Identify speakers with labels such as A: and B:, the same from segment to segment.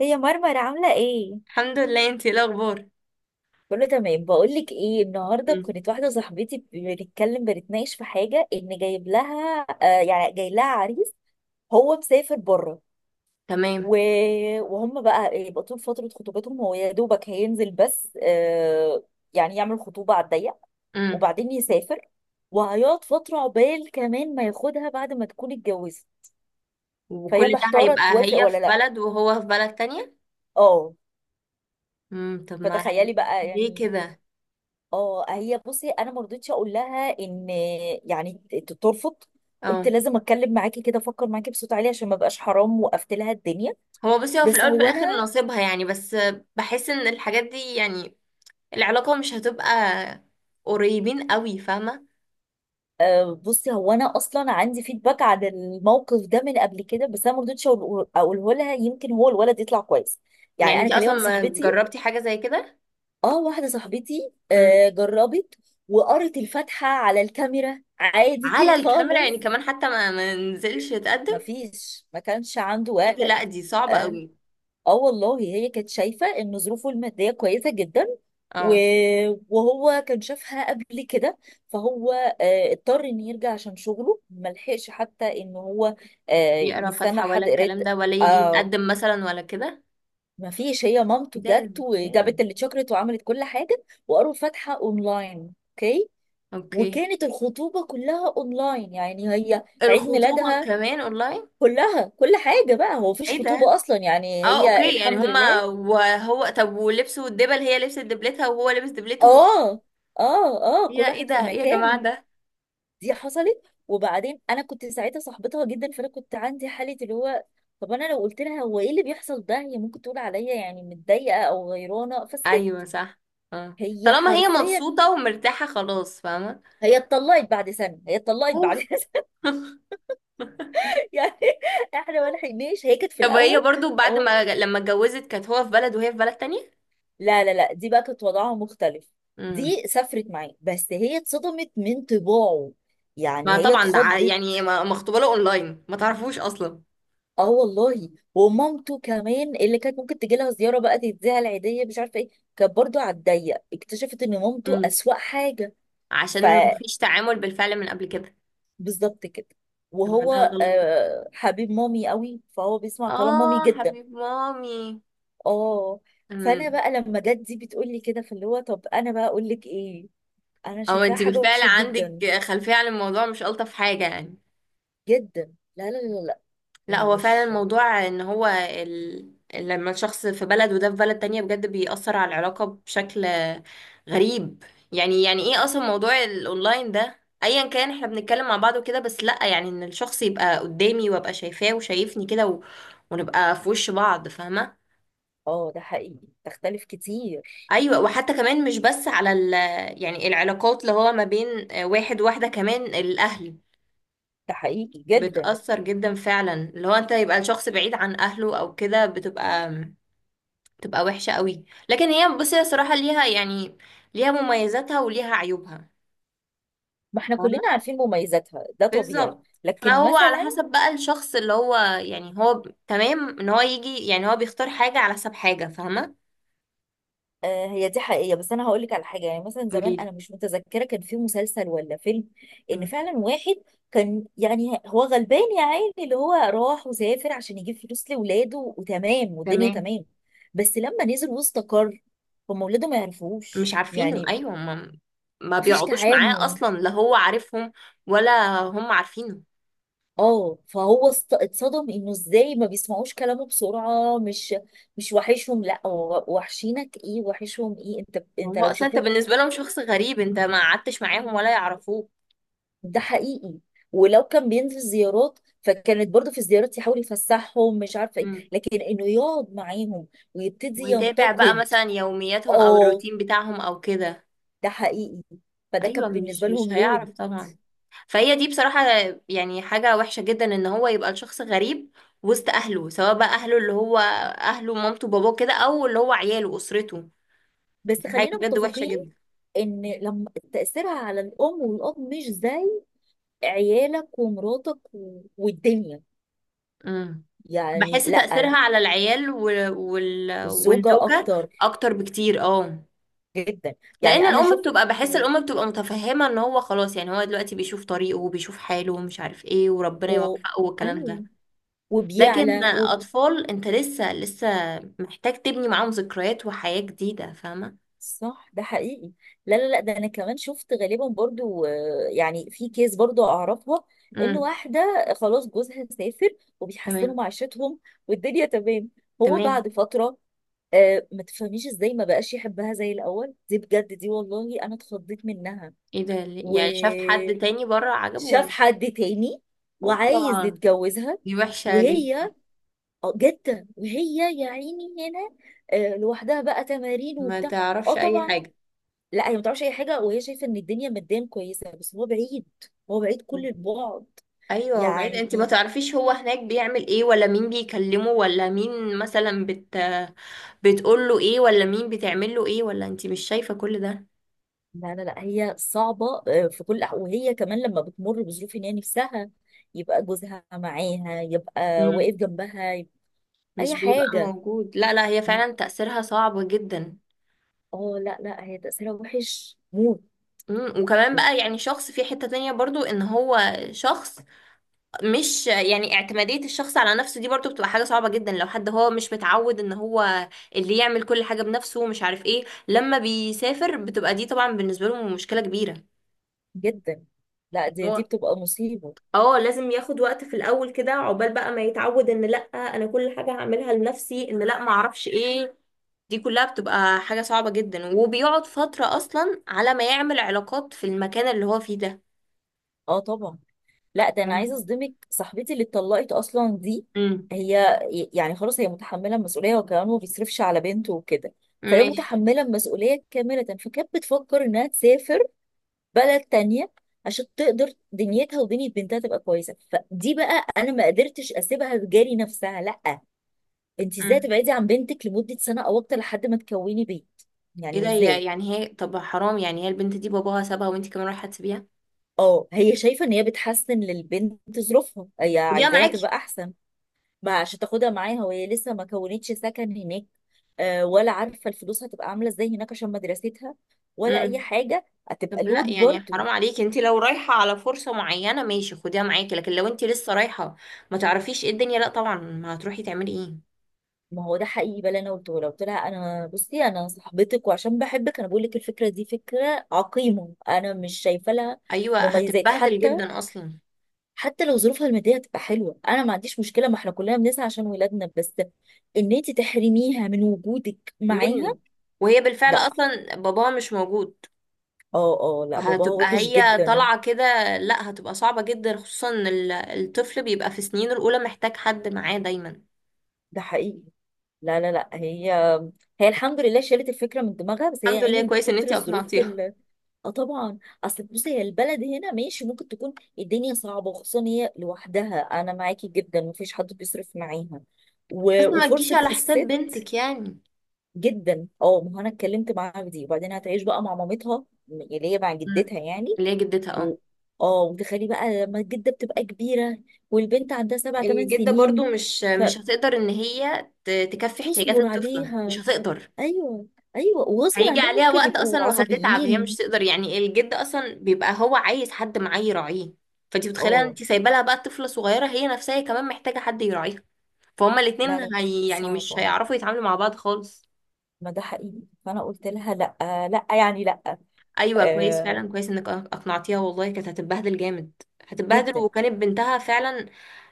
A: هي مرمر عاملة ايه؟
B: الحمد لله، انتي ايه الاخبار؟
A: كله تمام، بقولك ايه؟ النهارده
B: مم.
A: كانت واحدة صاحبتي بنتكلم، بنتناقش في حاجة ان جايب لها جاي لها عريس. هو مسافر بره
B: تمام.
A: و... وهم بقى يبقى طول فترة خطوبتهم هو يا دوبك هينزل بس، يعني يعمل خطوبة على الضيق
B: امم
A: وبعدين يسافر، وهيقعد فترة عقبال كمان ما ياخدها بعد ما تكون اتجوزت. فهي
B: وكل ده
A: محتارة
B: هيبقى
A: توافق
B: هي
A: ولا
B: في
A: لا.
B: بلد وهو في بلد تانية.
A: اه.
B: طب ما.
A: فتخيلي بقى
B: ليه
A: يعني.
B: كده؟
A: اه، هي بصي انا ما رضيتش اقول لها ان يعني ترفض. قلت
B: اه،
A: لازم اتكلم معاكي كده، افكر معاكي بصوت عالي عشان ما بقاش حرام وقفت لها الدنيا.
B: هو بصي، هو في
A: بس
B: الاول وفي
A: هو
B: الاخر
A: انا
B: نصيبها يعني. بس بحس ان الحاجات دي يعني العلاقة مش هتبقى قريبين قوي، فاهمة؟
A: بصي، هو انا اصلا عندي فيدباك عن الموقف ده من قبل كده، بس انا ما رضيتش اقوله لها يمكن هو الولد يطلع كويس.
B: يعني
A: يعني انا
B: انتي
A: كان ليا
B: اصلا
A: واحده
B: ما
A: صاحبتي.
B: جربتي حاجة زي كده؟
A: اه واحده صاحبتي
B: امم.
A: جربت، وقرت الفاتحه على الكاميرا عادي
B: على الكاميرا؟ يعني
A: خالص.
B: كمان حتى ما نزلش يتقدم؟
A: مفيش، ما كانش عنده
B: ايه ده!
A: وقت.
B: لا دي صعبة
A: آه،
B: قوي.
A: اه والله، هي كانت شايفة ان ظروفه المادية كويسة جدا و...
B: اه.
A: وهو كان شافها قبل كده، فهو اضطر ان يرجع عشان شغله، ملحقش حتى ان هو
B: يقرا
A: يستنى
B: فاتحة ولا
A: لحد قراية.
B: الكلام ده، ولا يجي
A: آه،
B: يتقدم مثلا ولا كده؟
A: ما فيش. هي مامته
B: ايه ده؟
A: جت
B: ازاي؟
A: وجابت اللي اتشكرت وعملت كل حاجة، وقروا فاتحة اونلاين. اوكي،
B: اوكي.
A: وكانت الخطوبة كلها اونلاين يعني، هي عيد
B: الخطوبة
A: ميلادها
B: كمان اونلاين؟
A: كلها، كل حاجة بقى. هو مفيش
B: ايه ده؟
A: خطوبة اصلا يعني.
B: اه،
A: هي
B: اوكي، يعني
A: الحمد
B: هما
A: لله.
B: وهو طب ولبسوا الدبل، هي لبست دبلتها وهو لبس دبلته؟
A: اه، اه، اه. كل
B: يا ايه
A: واحد في
B: ده! ايه يا
A: مكانه.
B: جماعة ده!
A: دي حصلت. وبعدين انا كنت ساعتها صاحبتها جدا، فانا كنت عندي حاله اللي هو طب انا لو قلت لها هو ايه اللي بيحصل ده، هي ممكن تقول عليا يعني متضايقه او غيرانه، فسكت.
B: ايوه صح. اه،
A: هي
B: طالما هي
A: حرفيا
B: مبسوطة ومرتاحة خلاص، فاهمة؟
A: هي اتطلقت بعد سنه، هي اتطلقت
B: اوف.
A: بعد سنه. يعني احنا ما لحقناش. هي كانت في
B: طب هي
A: الاول.
B: برضو بعد
A: اه،
B: ما لما اتجوزت كانت هو في بلد وهي في بلد تانية؟
A: لا لا لا، دي بقى كانت وضعها مختلف.
B: امم.
A: دي سافرت معاه، بس هي اتصدمت من طباعه، يعني
B: ما
A: هي
B: طبعا ده
A: اتخضت.
B: يعني مخطوبة له اونلاين، ما تعرفوش اصلا.
A: اه والله. ومامته كمان اللي كانت ممكن تجي لها زياره بقى تديها العيديه مش عارفه ايه، كانت برضو على الضيق. اكتشفت ان مامته
B: امم.
A: اسوأ حاجه.
B: عشان مفيش تعامل بالفعل من قبل كده.
A: فبالظبط كده.
B: طب ما ده
A: وهو
B: غلط.
A: آه، حبيب مامي قوي، فهو بيسمع كلام مامي
B: اه،
A: جدا.
B: حبيب مامي.
A: اه. فانا
B: امم.
A: بقى لما جت دي بتقول لي كده، فاللي هو طب انا بقى اقول لك ايه؟ انا
B: او
A: شايفاها
B: انت
A: حاجه
B: بالفعل
A: وحشه
B: عندك
A: جدا.
B: خلفية عن الموضوع، مش ألطف حاجة يعني.
A: جدا، لا لا لا لا.
B: لا، هو فعلا
A: مش
B: الموضوع ان هو لما الشخص في بلد وده في بلد تانية بجد بيأثر على العلاقة بشكل غريب. يعني ايه اصلا موضوع الاونلاين ده، ايا كان احنا بنتكلم مع بعض وكده، بس لا يعني ان الشخص يبقى قدامي وابقى شايفاه وشايفني كده، ونبقى في وش بعض، فاهمة؟
A: اه ده حقيقي، تختلف كتير.
B: ايوه، وحتى كمان مش بس على يعني العلاقات اللي هو ما بين واحد وواحده، كمان الاهل
A: ده حقيقي جدا.
B: بتأثر جدا فعلا، اللي هو انت يبقى الشخص بعيد عن اهله او كده، بتبقى وحشه قوي. لكن هي بصي، هي صراحه ليها يعني ليها مميزاتها وليها عيوبها.
A: ما احنا كلنا
B: فاهمة؟
A: عارفين مميزاتها، ده طبيعي.
B: بالظبط.
A: لكن
B: فهو على
A: مثلا
B: حسب بقى الشخص اللي هو، يعني هو تمام ان هو يجي، يعني هو بيختار حاجه على حسب حاجه، فاهمه؟
A: هي دي حقيقية، بس انا هقول لك على حاجة. يعني مثلا زمان،
B: قوليلي.
A: انا مش متذكرة كان في مسلسل ولا فيلم، ان
B: مم.
A: فعلا واحد كان يعني هو غلبان يا عيني، اللي هو راح وسافر عشان يجيب فلوس لاولاده، وتمام والدنيا
B: تمام.
A: تمام. بس لما نزل واستقر، هم اولاده ما يعرفوش
B: مش عارفين،
A: يعني،
B: ايوه، ما
A: مفيش
B: بيقعدوش معاه
A: تعامل.
B: اصلا، لا هو عارفهم ولا هم عارفينه.
A: اه فهو اتصدم انه ازاي ما بيسمعوش كلامه بسرعه، مش وحشهم. لا، هو وحشينك ايه وحشهم ايه؟ انت انت
B: هو
A: لو
B: اصلا انت
A: شافوك.
B: بالنسبه لهم شخص غريب، انت ما قعدتش معاهم ولا يعرفوك.
A: ده حقيقي. ولو كان بينزل زيارات، فكانت برضه في الزيارات يحاول يفسحهم مش عارفه ايه،
B: مم.
A: لكن انه يقعد معاهم ويبتدي
B: ويتابع بقى
A: ينتقد.
B: مثلا يومياتهم او
A: اه
B: الروتين بتاعهم او كده؟
A: ده حقيقي. فده كان
B: ايوه، مش
A: بالنسبه
B: مش
A: لهم لود.
B: هيعرف طبعا. فهي دي بصراحه يعني حاجه وحشه جدا، ان هو يبقى الشخص غريب وسط اهله، سواء بقى اهله اللي هو اهله مامته باباه كده، او اللي هو عياله اسرته. دي
A: بس
B: حاجه
A: خلينا
B: بجد وحشه
A: متفقين
B: جدا.
A: ان لما تاثيرها على الام والاب مش زي عيالك ومراتك والدنيا،
B: امم.
A: يعني
B: بحس
A: لا.
B: تأثيرها على العيال
A: والزوجة
B: والزوجة
A: أكتر،
B: أكتر بكتير، اه.
A: جدا. يعني
B: لأن
A: أنا
B: الأم
A: شفت.
B: بحس الأم بتبقى متفهمة إن هو خلاص، يعني هو دلوقتي بيشوف طريقه وبيشوف حاله ومش عارف إيه، وربنا
A: و...
B: يوفقه والكلام ده.
A: أيوه.
B: لكن
A: وبيعلى وب...
B: أطفال، أنت لسه محتاج تبني معاهم ذكريات وحياة جديدة، فاهمة؟
A: صح، ده حقيقي. لا لا لا، ده أنا كمان شفت غالبا. برضو يعني في كيس برضو أعرفها، إن
B: امم.
A: واحدة خلاص جوزها سافر وبيحسنوا
B: تمام.
A: معيشتهم والدنيا تمام. هو
B: تمام.
A: بعد فترة ما تفهميش ازاي ما بقاش يحبها زي الأول. دي بجد، دي والله أنا اتخضيت منها.
B: إيه ده؟
A: و...
B: يعني شاف حد تاني بره عجبه
A: شاف
B: ولا؟
A: حد تاني وعايز
B: هوبا.
A: يتجوزها.
B: دي وحشة جدا.
A: وهي جدة، وهي يا عيني هنا لوحدها بقى، تمارين
B: ما
A: وبتاع. اه
B: تعرفش أي
A: طبعا.
B: حاجة.
A: لا هي ما تعرفش اي حاجه، وهي شايفه ان الدنيا ماديا كويسه، بس هو بعيد، هو بعيد كل البعد.
B: ايوه، وبعيد انت ما
A: يعني
B: تعرفيش هو هناك بيعمل ايه، ولا مين بيكلمه، ولا مين مثلا بتقول له ايه، ولا مين بتعمل له ايه، ولا انت مش شايفة كل ده.
A: لا لا لا، هي صعبه في كل وهي كمان لما بتمر بظروف ان هي نفسها يبقى جوزها معاها، يبقى
B: امم.
A: واقف جنبها، يبقى اي
B: مش بيبقى
A: حاجه.
B: موجود. لا، لا، هي
A: م-
B: فعلا تأثيرها صعب جدا.
A: اه لا لا، هي تاثيرها وحش موت.
B: وكمان بقى، يعني شخص في حتة تانية برضو ان هو شخص، مش، يعني اعتمادية الشخص على نفسه دي برضو بتبقى حاجة صعبة جدا، لو حد هو مش متعود ان هو اللي يعمل كل حاجة بنفسه ومش عارف ايه، لما بيسافر بتبقى دي طبعا بالنسبة له مشكلة كبيرة.
A: جدا، لا دي، دي
B: هو
A: بتبقى مصيبة.
B: اه، لازم ياخد وقت في الاول كده عقبال بقى ما يتعود، ان لا انا كل حاجه هعملها لنفسي، ان لا ما اعرفش ايه. دي كلها بتبقى حاجه صعبه جدا، وبيقعد فتره اصلا على ما يعمل علاقات في المكان اللي هو فيه ده،
A: اه طبعا. لا ده انا
B: فاهمة؟
A: عايزه اصدمك، صاحبتي اللي اتطلقت اصلا دي
B: امم.
A: هي يعني خلاص هي متحمله المسؤوليه، وكمان ما بيصرفش على بنته وكده، فهي
B: ماشي.
A: متحمله المسؤوليه كامله. فكانت بتفكر انها تسافر بلد تانية عشان تقدر دنيتها ودنيا بنتها تبقى كويسه. فدي بقى انا ما قدرتش اسيبها تجاري نفسها. لا، انت ازاي
B: امم.
A: تبعدي عن بنتك لمده سنه او اكتر لحد ما تكوني بيت؟
B: ايه
A: يعني
B: ده؟ هي،
A: ازاي؟
B: يعني هي طب حرام، يعني هي البنت دي باباها سابها وانت كمان رايحه تسيبيها.
A: اه هي شايفة ان هي بتحسن للبنت ظروفها، هي
B: خديها
A: عايزاها
B: معاكي.
A: تبقى احسن. ما عشان تاخدها معاها، وهي لسه ما كونتش سكن هناك ولا عارفة الفلوس هتبقى عاملة ازاي هناك عشان مدرستها، ولا اي
B: امم.
A: حاجة. هتبقى
B: طب لا،
A: لود
B: يعني
A: برضه.
B: حرام عليكي، انت لو رايحه على فرصه معينه ماشي، خديها معاكي، لكن لو انت لسه رايحه ما تعرفيش ايه الدنيا، لا طبعا، ما هتروحي تعملي ايه؟
A: ما هو ده حقيقي بقى اللي انا قلته، لو قلت لها انا بصي انا صاحبتك، وعشان بحبك انا بقول لك الفكرة دي فكرة عقيمة، انا مش شايفة لها
B: ايوه،
A: مميزات
B: هتتبهدل
A: حتى.
B: جدا اصلا.
A: حتى لو ظروفها الماديه تبقى حلوه انا ما عنديش مشكله، ما احنا كلنا بنسعى عشان ولادنا، بس ان انت تحرميها من وجودك معاها
B: منك. وهي بالفعل
A: لا.
B: اصلا باباها مش موجود.
A: اه اه، لا باباها
B: هتبقى
A: وحش
B: هي
A: جدا.
B: طالعه كده. لا، هتبقى صعبه جدا خصوصا ان الطفل بيبقى في سنينه الاولى محتاج حد معاه دايما.
A: ده حقيقي. لا لا لا، هي هي الحمد لله شالت الفكره من دماغها، بس هي يا
B: الحمد لله،
A: عيني من
B: كويس ان
A: كتر
B: انتي
A: الظروف
B: اقنعتيها.
A: اه طبعا. اصل بصي هي البلد هنا ماشي، ممكن تكون الدنيا صعبه، وخصوصا هي لوحدها انا معاكي جدا، مفيش حد بيصرف معاها
B: بس ما تجيش
A: وفرصه
B: على حساب
A: الست.
B: بنتك يعني.
A: جدا اه، ما هو انا اتكلمت معاها في دي. وبعدين هتعيش بقى مع مامتها اللي هي مع
B: مم.
A: جدتها يعني.
B: اللي هي جدتها،
A: و...
B: اه.
A: اه، وتخلي بقى لما الجده بتبقى كبيره والبنت عندها سبع ثمان
B: الجده برضو
A: سنين
B: مش هتقدر ان هي تكفي احتياجات
A: فتصبر
B: الطفله، مش
A: عليها.
B: هتقدر.
A: ايوه، ايوه وغصب
B: هيجي
A: عنهم
B: عليها
A: ممكن
B: وقت
A: يبقوا
B: اصلا وهتتعب، هي مش
A: عصبيين.
B: تقدر يعني، الجد اصلا بيبقى هو عايز حد معاه يراعيه. فانت متخيله،
A: اه
B: انت سايبه لها بقى طفله صغيره، هي نفسها كمان محتاجه حد يراعيها. فهما
A: لا لا،
B: الاتنين، هي يعني
A: صعب
B: مش
A: اه.
B: هيعرفوا يتعاملوا مع بعض خالص.
A: ما ده حقيقي فانا قلت لها لا، لا يعني لا.
B: ايوه، كويس
A: آه
B: فعلا، كويس انك اقنعتيها، والله كانت هتتبهدل جامد. هتتبهدل،
A: جدا.
B: وكانت بنتها فعلا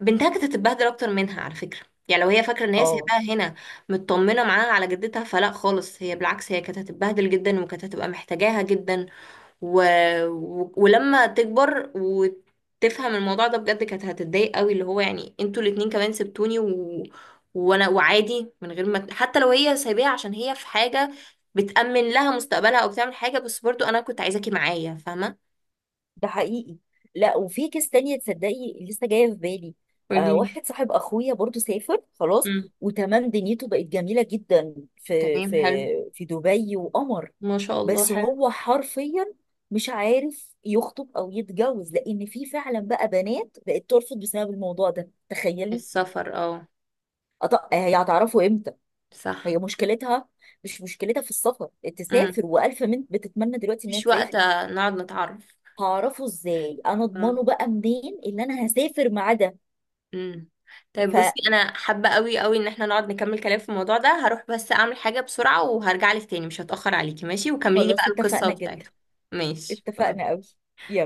B: بنتها كانت هتتبهدل اكتر منها على فكره. يعني لو هي فاكره ان هي
A: اه
B: سايباها هنا مطمنه معاها على جدتها، فلا خالص، هي بالعكس هي كانت هتتبهدل جدا وكانت هتبقى محتاجاها جدا، و... ولما تكبر وتفهم الموضوع ده بجد كانت هتتضايق قوي، اللي هو يعني انتوا الاتنين كمان سبتوني، وانا، وعادي من غير ما، حتى لو هي سايباها عشان هي في حاجة بتأمن لها مستقبلها او بتعمل حاجة، بس برضو انا كنت عايزاكي معايا، فاهمة؟
A: ده حقيقي. لا وفي كيس تانية تصدقي لسه جاية في بالي. آه
B: قوليلي.
A: واحد صاحب أخويا برضو سافر خلاص،
B: امم.
A: وتمام دنيته بقت جميلة جدا في في
B: تمام، حلو.
A: في دبي، وقمر.
B: ما شاء الله،
A: بس
B: حلو.
A: هو حرفيا مش عارف يخطب أو يتجوز، لأن في فعلا بقى بنات بقت ترفض بسبب الموضوع ده، تخيلي.
B: السفر، اه.
A: هي هتعرفه إمتى؟
B: صح.
A: هي مشكلتها مش مشكلتها في السفر،
B: امم.
A: تسافر وألف بنت بتتمنى دلوقتي إنها
B: مفيش وقت
A: تسافر.
B: نقعد نتعرف.
A: هعرفه ازاي، انا
B: آه.
A: اضمنه بقى منين اللي انا هسافر معاه ده؟
B: امم. طيب بصي، انا حابه قوي قوي ان احنا نقعد نكمل كلام في الموضوع ده، هروح بس اعمل حاجه بسرعه وهرجع لك تاني، مش هتاخر عليكي ماشي، وكملي لي بقى
A: فخلاص
B: القصه
A: اتفقنا جدا،
B: بتاعته. ماشي،
A: اتفقنا
B: باي.
A: قوي.